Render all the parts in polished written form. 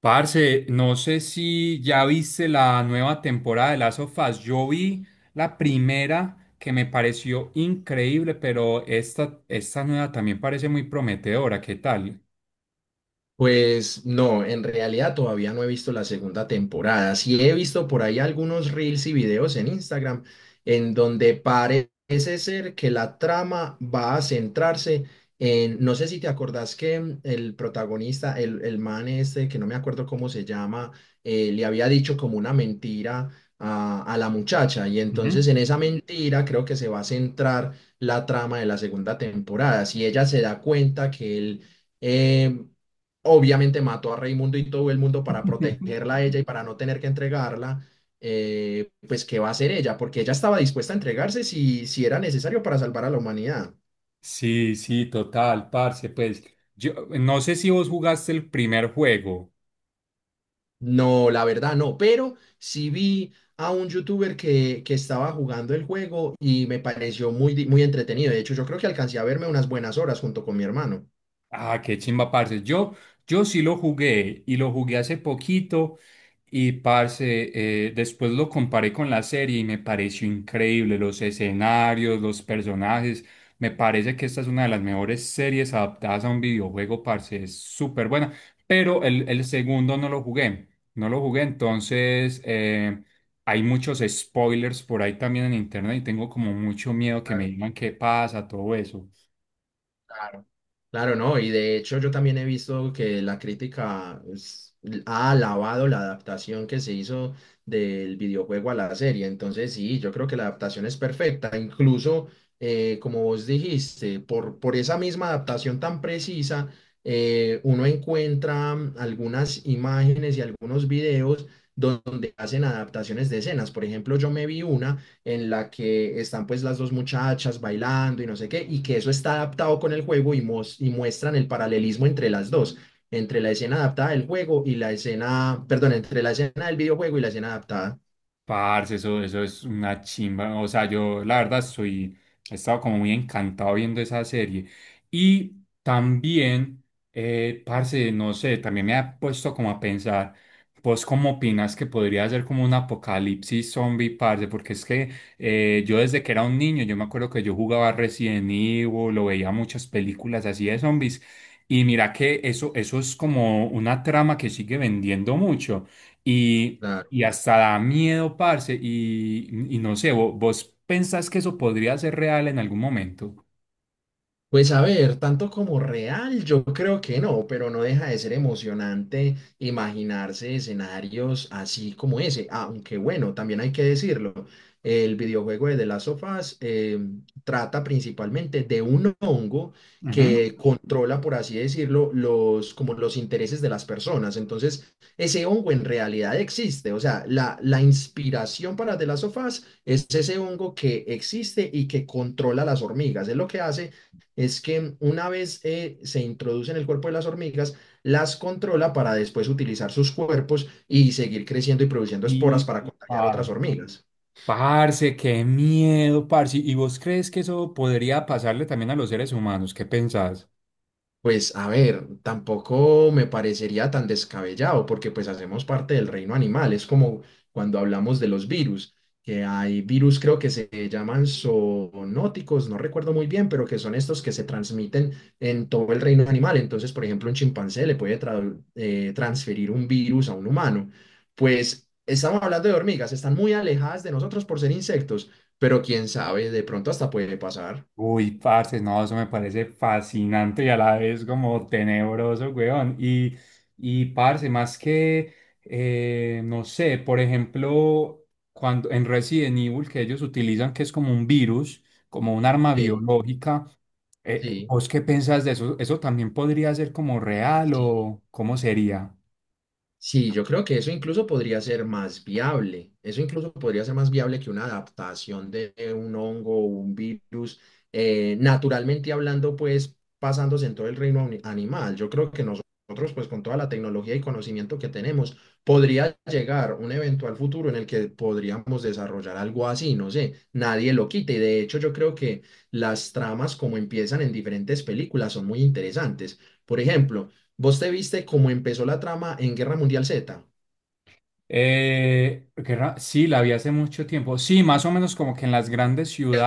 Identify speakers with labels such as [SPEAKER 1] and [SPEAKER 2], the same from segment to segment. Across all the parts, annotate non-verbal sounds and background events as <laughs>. [SPEAKER 1] Parce, no sé si ya viste la nueva temporada de Last of Us. Yo vi la primera que me pareció increíble, pero esta nueva también parece muy prometedora. ¿Qué tal?
[SPEAKER 2] Pues no, en realidad todavía no he visto la segunda temporada. Sí he visto por ahí algunos reels y videos en Instagram en donde parece ser que la trama va a centrarse en, no sé si te acordás que el protagonista, el man este, que no me acuerdo cómo se llama, le había dicho como una mentira a la muchacha y
[SPEAKER 1] Ujú.
[SPEAKER 2] entonces en esa mentira creo que se va a centrar la trama de la segunda temporada. Si ella se da cuenta que él... em, obviamente mató a Raimundo y todo el mundo para protegerla a ella y para no tener que entregarla, pues ¿qué va a hacer ella? Porque ella estaba dispuesta a entregarse si era necesario para salvar a la humanidad.
[SPEAKER 1] Sí, sí, total, parce. Pues yo no sé si vos jugaste el primer juego.
[SPEAKER 2] No, la verdad no, pero sí vi a un youtuber que estaba jugando el juego y me pareció muy entretenido. De hecho, yo creo que alcancé a verme unas buenas horas junto con mi hermano.
[SPEAKER 1] Ah, qué chimba, parce. Yo sí lo jugué y lo jugué hace poquito y, parce, después lo comparé con la serie y me pareció increíble los escenarios, los personajes. Me parece que esta es una de las mejores series adaptadas a un videojuego, parce. Es súper buena, pero el segundo no lo jugué. No lo jugué, entonces hay muchos spoilers por ahí también en internet y tengo como mucho miedo que me digan qué pasa, todo eso.
[SPEAKER 2] Claro. Claro, no, y de hecho yo también he visto que ha alabado la adaptación que se hizo del videojuego a la serie, entonces sí, yo creo que la adaptación es perfecta, incluso como vos dijiste, por esa misma adaptación tan precisa, uno encuentra algunas imágenes y algunos videos donde hacen adaptaciones de escenas, por ejemplo, yo me vi una en la que están pues las dos muchachas bailando y no sé qué, y que eso está adaptado con el juego y muestran el paralelismo entre las dos, entre la escena adaptada del juego y la escena, perdón, entre la escena del videojuego y la escena adaptada.
[SPEAKER 1] Parce, eso es una chimba. O sea, yo la verdad soy, he estado como muy encantado viendo esa serie. Y también, parce, no sé, también me ha puesto como a pensar, ¿vos cómo opinas que podría ser como un apocalipsis zombie, parce? Porque es que yo desde que era un niño, yo me acuerdo que yo jugaba Resident Evil, lo veía muchas películas así de zombies. Y mira que eso es como una trama que sigue vendiendo mucho. Y y hasta da miedo, parce, y no sé, vos ¿pensás que eso podría ser real en algún momento?
[SPEAKER 2] Pues a ver, tanto como real, yo creo que no, pero no deja de ser emocionante imaginarse escenarios así como ese. Aunque bueno, también hay que decirlo, el videojuego de The Last of Us trata principalmente de un hongo
[SPEAKER 1] Ujú.
[SPEAKER 2] que controla, por así decirlo, como los intereses de las personas. Entonces, ese hongo en realidad existe. O sea, la inspiración para The Last of Us es ese hongo que existe y que controla las hormigas. Es lo que hace es que una vez se introduce en el cuerpo de las hormigas, las controla para después utilizar sus cuerpos y seguir creciendo y produciendo esporas
[SPEAKER 1] Y,
[SPEAKER 2] para contagiar otras
[SPEAKER 1] ah,
[SPEAKER 2] hormigas.
[SPEAKER 1] parce, qué miedo, parce, ¿y vos crees que eso podría pasarle también a los seres humanos? ¿Qué pensás?
[SPEAKER 2] Pues a ver, tampoco me parecería tan descabellado porque pues hacemos parte del reino animal. Es como cuando hablamos de los virus, que hay virus creo que se llaman zoonóticos, no recuerdo muy bien, pero que son estos que se transmiten en todo el reino animal. Entonces, por ejemplo, un chimpancé le transferir un virus a un humano. Pues estamos hablando de hormigas, están muy alejadas de nosotros por ser insectos, pero quién sabe, de pronto hasta puede pasar.
[SPEAKER 1] Uy, parce, no, eso me parece fascinante y a la vez como tenebroso, weón. Y parce, más que, no sé, por ejemplo, cuando en Resident Evil, que ellos utilizan que es como un virus, como un arma
[SPEAKER 2] Sí,
[SPEAKER 1] biológica,
[SPEAKER 2] sí,
[SPEAKER 1] ¿vos qué pensás de eso? ¿Eso también podría ser como real
[SPEAKER 2] sí.
[SPEAKER 1] o cómo sería?
[SPEAKER 2] Sí, yo creo que eso incluso podría ser más viable. Eso incluso podría ser más viable que una adaptación de un hongo o un virus, naturalmente hablando, pues pasándose en todo el animal. Yo creo que nosotros, pues con toda la tecnología y conocimiento que tenemos, podría llegar un eventual futuro en el que podríamos desarrollar algo así, no sé, nadie lo quite. Y de hecho, yo creo que las tramas como empiezan en diferentes películas son muy interesantes. Por ejemplo, ¿vos te viste cómo empezó la trama en Guerra Mundial Z?
[SPEAKER 1] Sí, la vi hace mucho tiempo. Sí, más o menos como que en las grandes
[SPEAKER 2] Es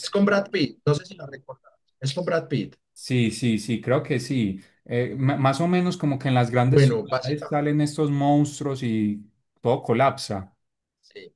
[SPEAKER 2] es con Brad Pitt, no sé si la recordás. Es con Brad Pitt.
[SPEAKER 1] Sí, sí, sí, creo que sí. Más o menos como que en las grandes
[SPEAKER 2] Bueno,
[SPEAKER 1] ciudades
[SPEAKER 2] básicamente,
[SPEAKER 1] salen estos monstruos y todo colapsa.
[SPEAKER 2] sí.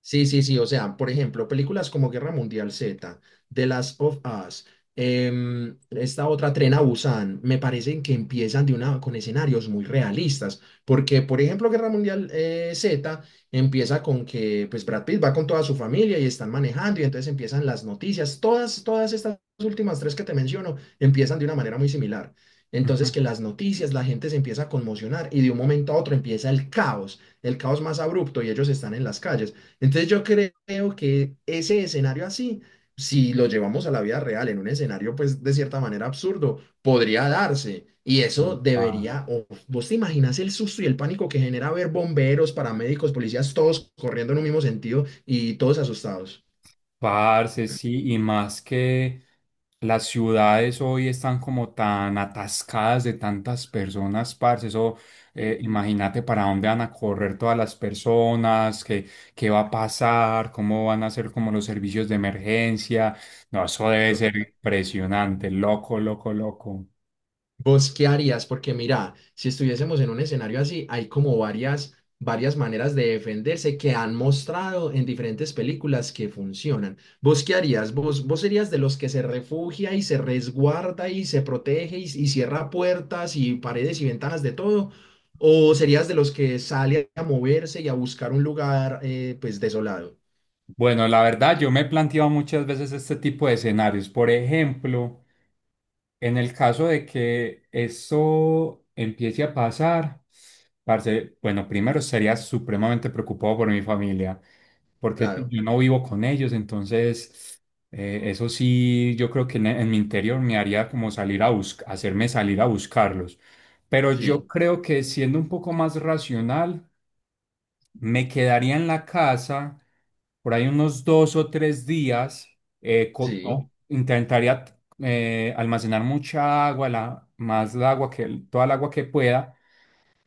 [SPEAKER 2] Sí, sí, sí. O sea, por ejemplo, películas como Guerra Mundial Z, The Last of Us, esta otra Tren a Busan, me parecen que empiezan de una, con escenarios muy realistas. Porque, por ejemplo, Guerra Mundial Z empieza con que pues, Brad Pitt va con toda su familia y están manejando, y entonces empiezan las noticias. Todas estas últimas tres que te menciono empiezan de una manera muy similar.
[SPEAKER 1] Ujú.
[SPEAKER 2] Entonces, que las noticias, la gente se empieza a conmocionar y de un momento a otro empieza el caos más abrupto y ellos están en las calles. Entonces yo creo que ese escenario así, si lo llevamos a la vida real, en un escenario pues de cierta manera absurdo, podría darse. Y eso
[SPEAKER 1] <laughs> Pa-
[SPEAKER 2] debería, o vos te imaginas el susto y el pánico que genera ver bomberos, paramédicos, policías, todos corriendo en un mismo sentido y todos asustados.
[SPEAKER 1] Parce, sí, y más que las ciudades hoy están como tan atascadas de tantas personas, parce, eso,
[SPEAKER 2] Sí.
[SPEAKER 1] imagínate para dónde van a correr todas las personas, qué, qué va a pasar, cómo van a ser como los servicios de emergencia. No, eso debe ser
[SPEAKER 2] Total.
[SPEAKER 1] impresionante, loco, loco, loco.
[SPEAKER 2] ¿Vos qué harías? Porque mira, si estuviésemos en un escenario así, hay como varias maneras de defenderse que han mostrado en diferentes películas que funcionan. ¿Vos qué harías? Vos serías de los que se refugia y se resguarda y se protege y cierra puertas y paredes y ventanas de todo? ¿O serías de los que sale a moverse y a buscar un lugar pues desolado?
[SPEAKER 1] Bueno, la verdad, yo me he planteado muchas veces este tipo de escenarios. Por ejemplo, en el caso de que eso empiece a pasar, parce, bueno, primero sería supremamente preocupado por mi familia, porque pues,
[SPEAKER 2] Claro,
[SPEAKER 1] yo no vivo con ellos, entonces eso sí, yo creo que en mi interior me haría como salir a buscar, hacerme salir a buscarlos. Pero yo
[SPEAKER 2] sí,
[SPEAKER 1] creo que siendo un poco más racional. Me quedaría en la casa por ahí unos dos o tres días.
[SPEAKER 2] sí.
[SPEAKER 1] No, intentaría almacenar mucha agua, la, más la agua que, toda el agua que pueda.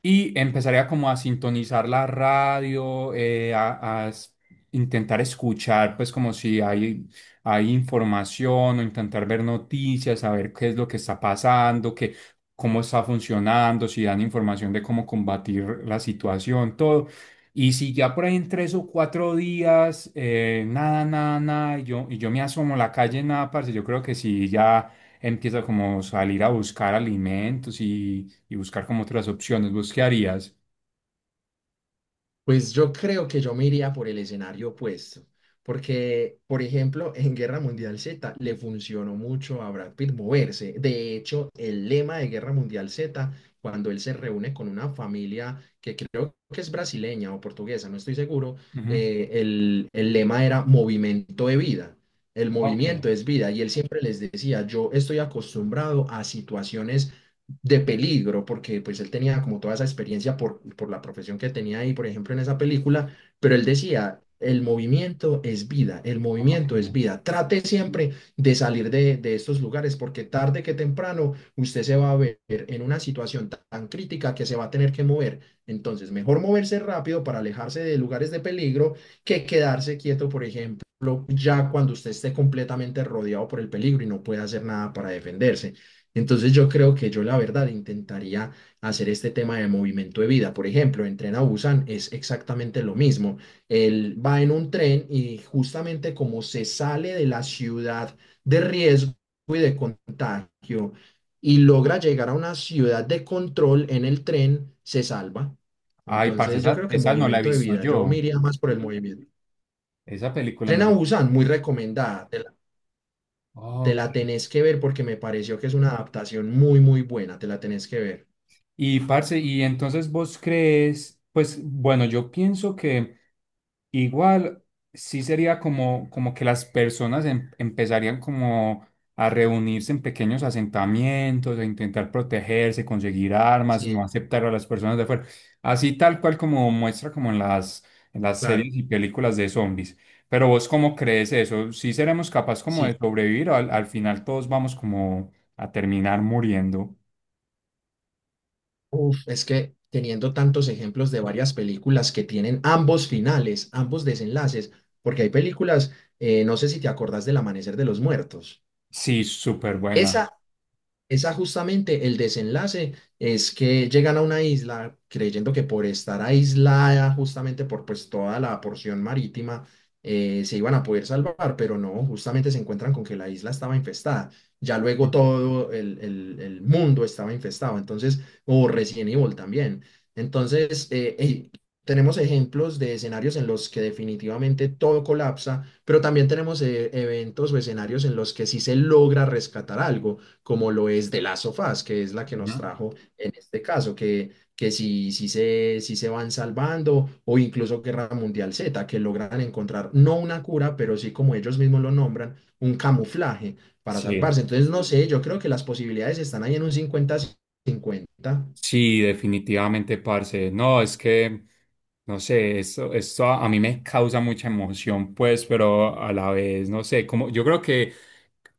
[SPEAKER 1] Y empezaría como a sintonizar la radio, intentar escuchar, pues como si hay, hay información o intentar ver noticias, saber qué es lo que está pasando, qué, cómo está funcionando, si dan información de cómo combatir la situación, todo. Y si ya por ahí en tres o cuatro días, nada, nada, nada, y yo me asomo a la calle, nada, parce, yo creo que sí, ya empiezo como salir a buscar alimentos y buscar como otras opciones. ¿Vos qué harías?
[SPEAKER 2] Pues yo creo que yo me iría por el escenario opuesto, porque, por ejemplo, en Guerra Mundial Z le funcionó mucho a Brad Pitt moverse. De hecho, el lema de Guerra Mundial Z, cuando él se reúne con una familia que creo que es brasileña o portuguesa, no estoy seguro,
[SPEAKER 1] Ujú.
[SPEAKER 2] el lema era movimiento de vida. El
[SPEAKER 1] Ok,
[SPEAKER 2] movimiento es vida y él siempre les decía, yo estoy acostumbrado a situaciones de peligro, porque pues él tenía como toda esa experiencia por la profesión que tenía ahí, por ejemplo, en esa película, pero él decía, el movimiento es vida, el
[SPEAKER 1] ok.
[SPEAKER 2] movimiento es vida, trate siempre de salir de estos lugares, porque tarde que temprano usted se va a ver en una situación tan crítica que se va a tener que mover. Entonces, mejor moverse rápido para alejarse de lugares de peligro que quedarse quieto, por ejemplo, ya cuando usted esté completamente rodeado por el peligro y no pueda hacer nada para defenderse. Entonces yo creo que yo la verdad intentaría hacer este tema de movimiento de vida. Por ejemplo, en Tren a Busan es exactamente lo mismo. Él va en un tren y justamente como se sale de la ciudad de riesgo y de contagio y logra llegar a una ciudad de control en el tren, se salva.
[SPEAKER 1] Ay, parce,
[SPEAKER 2] Entonces yo
[SPEAKER 1] esa,
[SPEAKER 2] creo que
[SPEAKER 1] esa no la he
[SPEAKER 2] movimiento de
[SPEAKER 1] visto
[SPEAKER 2] vida, yo me
[SPEAKER 1] yo.
[SPEAKER 2] iría más por el movimiento.
[SPEAKER 1] Esa película no
[SPEAKER 2] Tren a
[SPEAKER 1] la he visto.
[SPEAKER 2] Busan, muy recomendada. Te
[SPEAKER 1] Ok.
[SPEAKER 2] la tenés que ver porque me pareció que es una adaptación muy buena. Te la tenés que ver.
[SPEAKER 1] Y parce, y entonces vos crees, pues bueno, yo pienso que igual sí sería como, como que las personas empezarían como a reunirse en pequeños asentamientos, a intentar protegerse, conseguir armas, no
[SPEAKER 2] Sí,
[SPEAKER 1] aceptar a las personas de fuera, así tal cual como muestra como en las
[SPEAKER 2] claro,
[SPEAKER 1] series y películas de zombies. ¿Pero vos cómo crees eso? ¿Sí seremos capaz como
[SPEAKER 2] sí.
[SPEAKER 1] de sobrevivir o al, al final todos vamos como a terminar muriendo?
[SPEAKER 2] Uf, es que teniendo tantos ejemplos de varias películas que tienen ambos finales, ambos desenlaces, porque hay películas, no sé si te acordás del Amanecer de los Muertos.
[SPEAKER 1] Sí, súper buena.
[SPEAKER 2] esa Esa justamente el desenlace es que llegan a una isla creyendo que por estar aislada justamente por pues toda la porción marítima se iban a poder salvar, pero no, justamente se encuentran con que la isla estaba infestada. Ya luego todo el mundo estaba infestado, entonces, o Resident Evil también. Entonces, tenemos ejemplos de escenarios en los que definitivamente todo colapsa, pero también tenemos eventos o escenarios en los que sí se logra rescatar algo como lo es de las sofás, que es la que
[SPEAKER 1] Ujú.
[SPEAKER 2] nos trajo en este caso, que si, si, se, si se van salvando o incluso Guerra Mundial Z, que logran encontrar no una cura, pero sí como ellos mismos lo nombran, un camuflaje para
[SPEAKER 1] Sí.
[SPEAKER 2] salvarse. Entonces, no sé, yo creo que las posibilidades están ahí en un 50/50.
[SPEAKER 1] Sí, definitivamente, parce. No, es que, no sé, esto a mí me causa mucha emoción, pues, pero a la vez, no sé, como yo creo que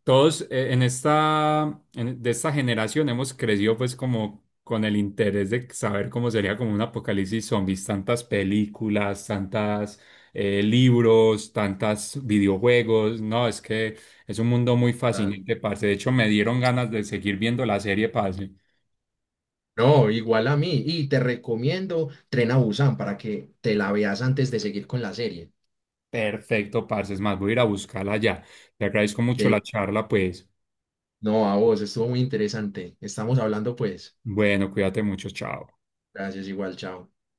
[SPEAKER 1] todos en esta, de esta generación hemos crecido, pues, como con el interés de saber cómo sería como un apocalipsis zombies, tantas películas, tantas libros, tantas videojuegos. No, es que es un mundo muy
[SPEAKER 2] Dale.
[SPEAKER 1] fascinante, parce. De hecho, me dieron ganas de seguir viendo la serie, parce.
[SPEAKER 2] No, igual a mí. Y te recomiendo Tren a Busan para que te la veas antes de seguir con la serie.
[SPEAKER 1] Perfecto, parce. Es más, voy a ir a buscarla ya. Te agradezco mucho
[SPEAKER 2] De...
[SPEAKER 1] la charla, pues.
[SPEAKER 2] No, a vos, estuvo muy interesante. Estamos hablando pues.
[SPEAKER 1] Bueno, cuídate mucho, chao.
[SPEAKER 2] Gracias, igual, chao.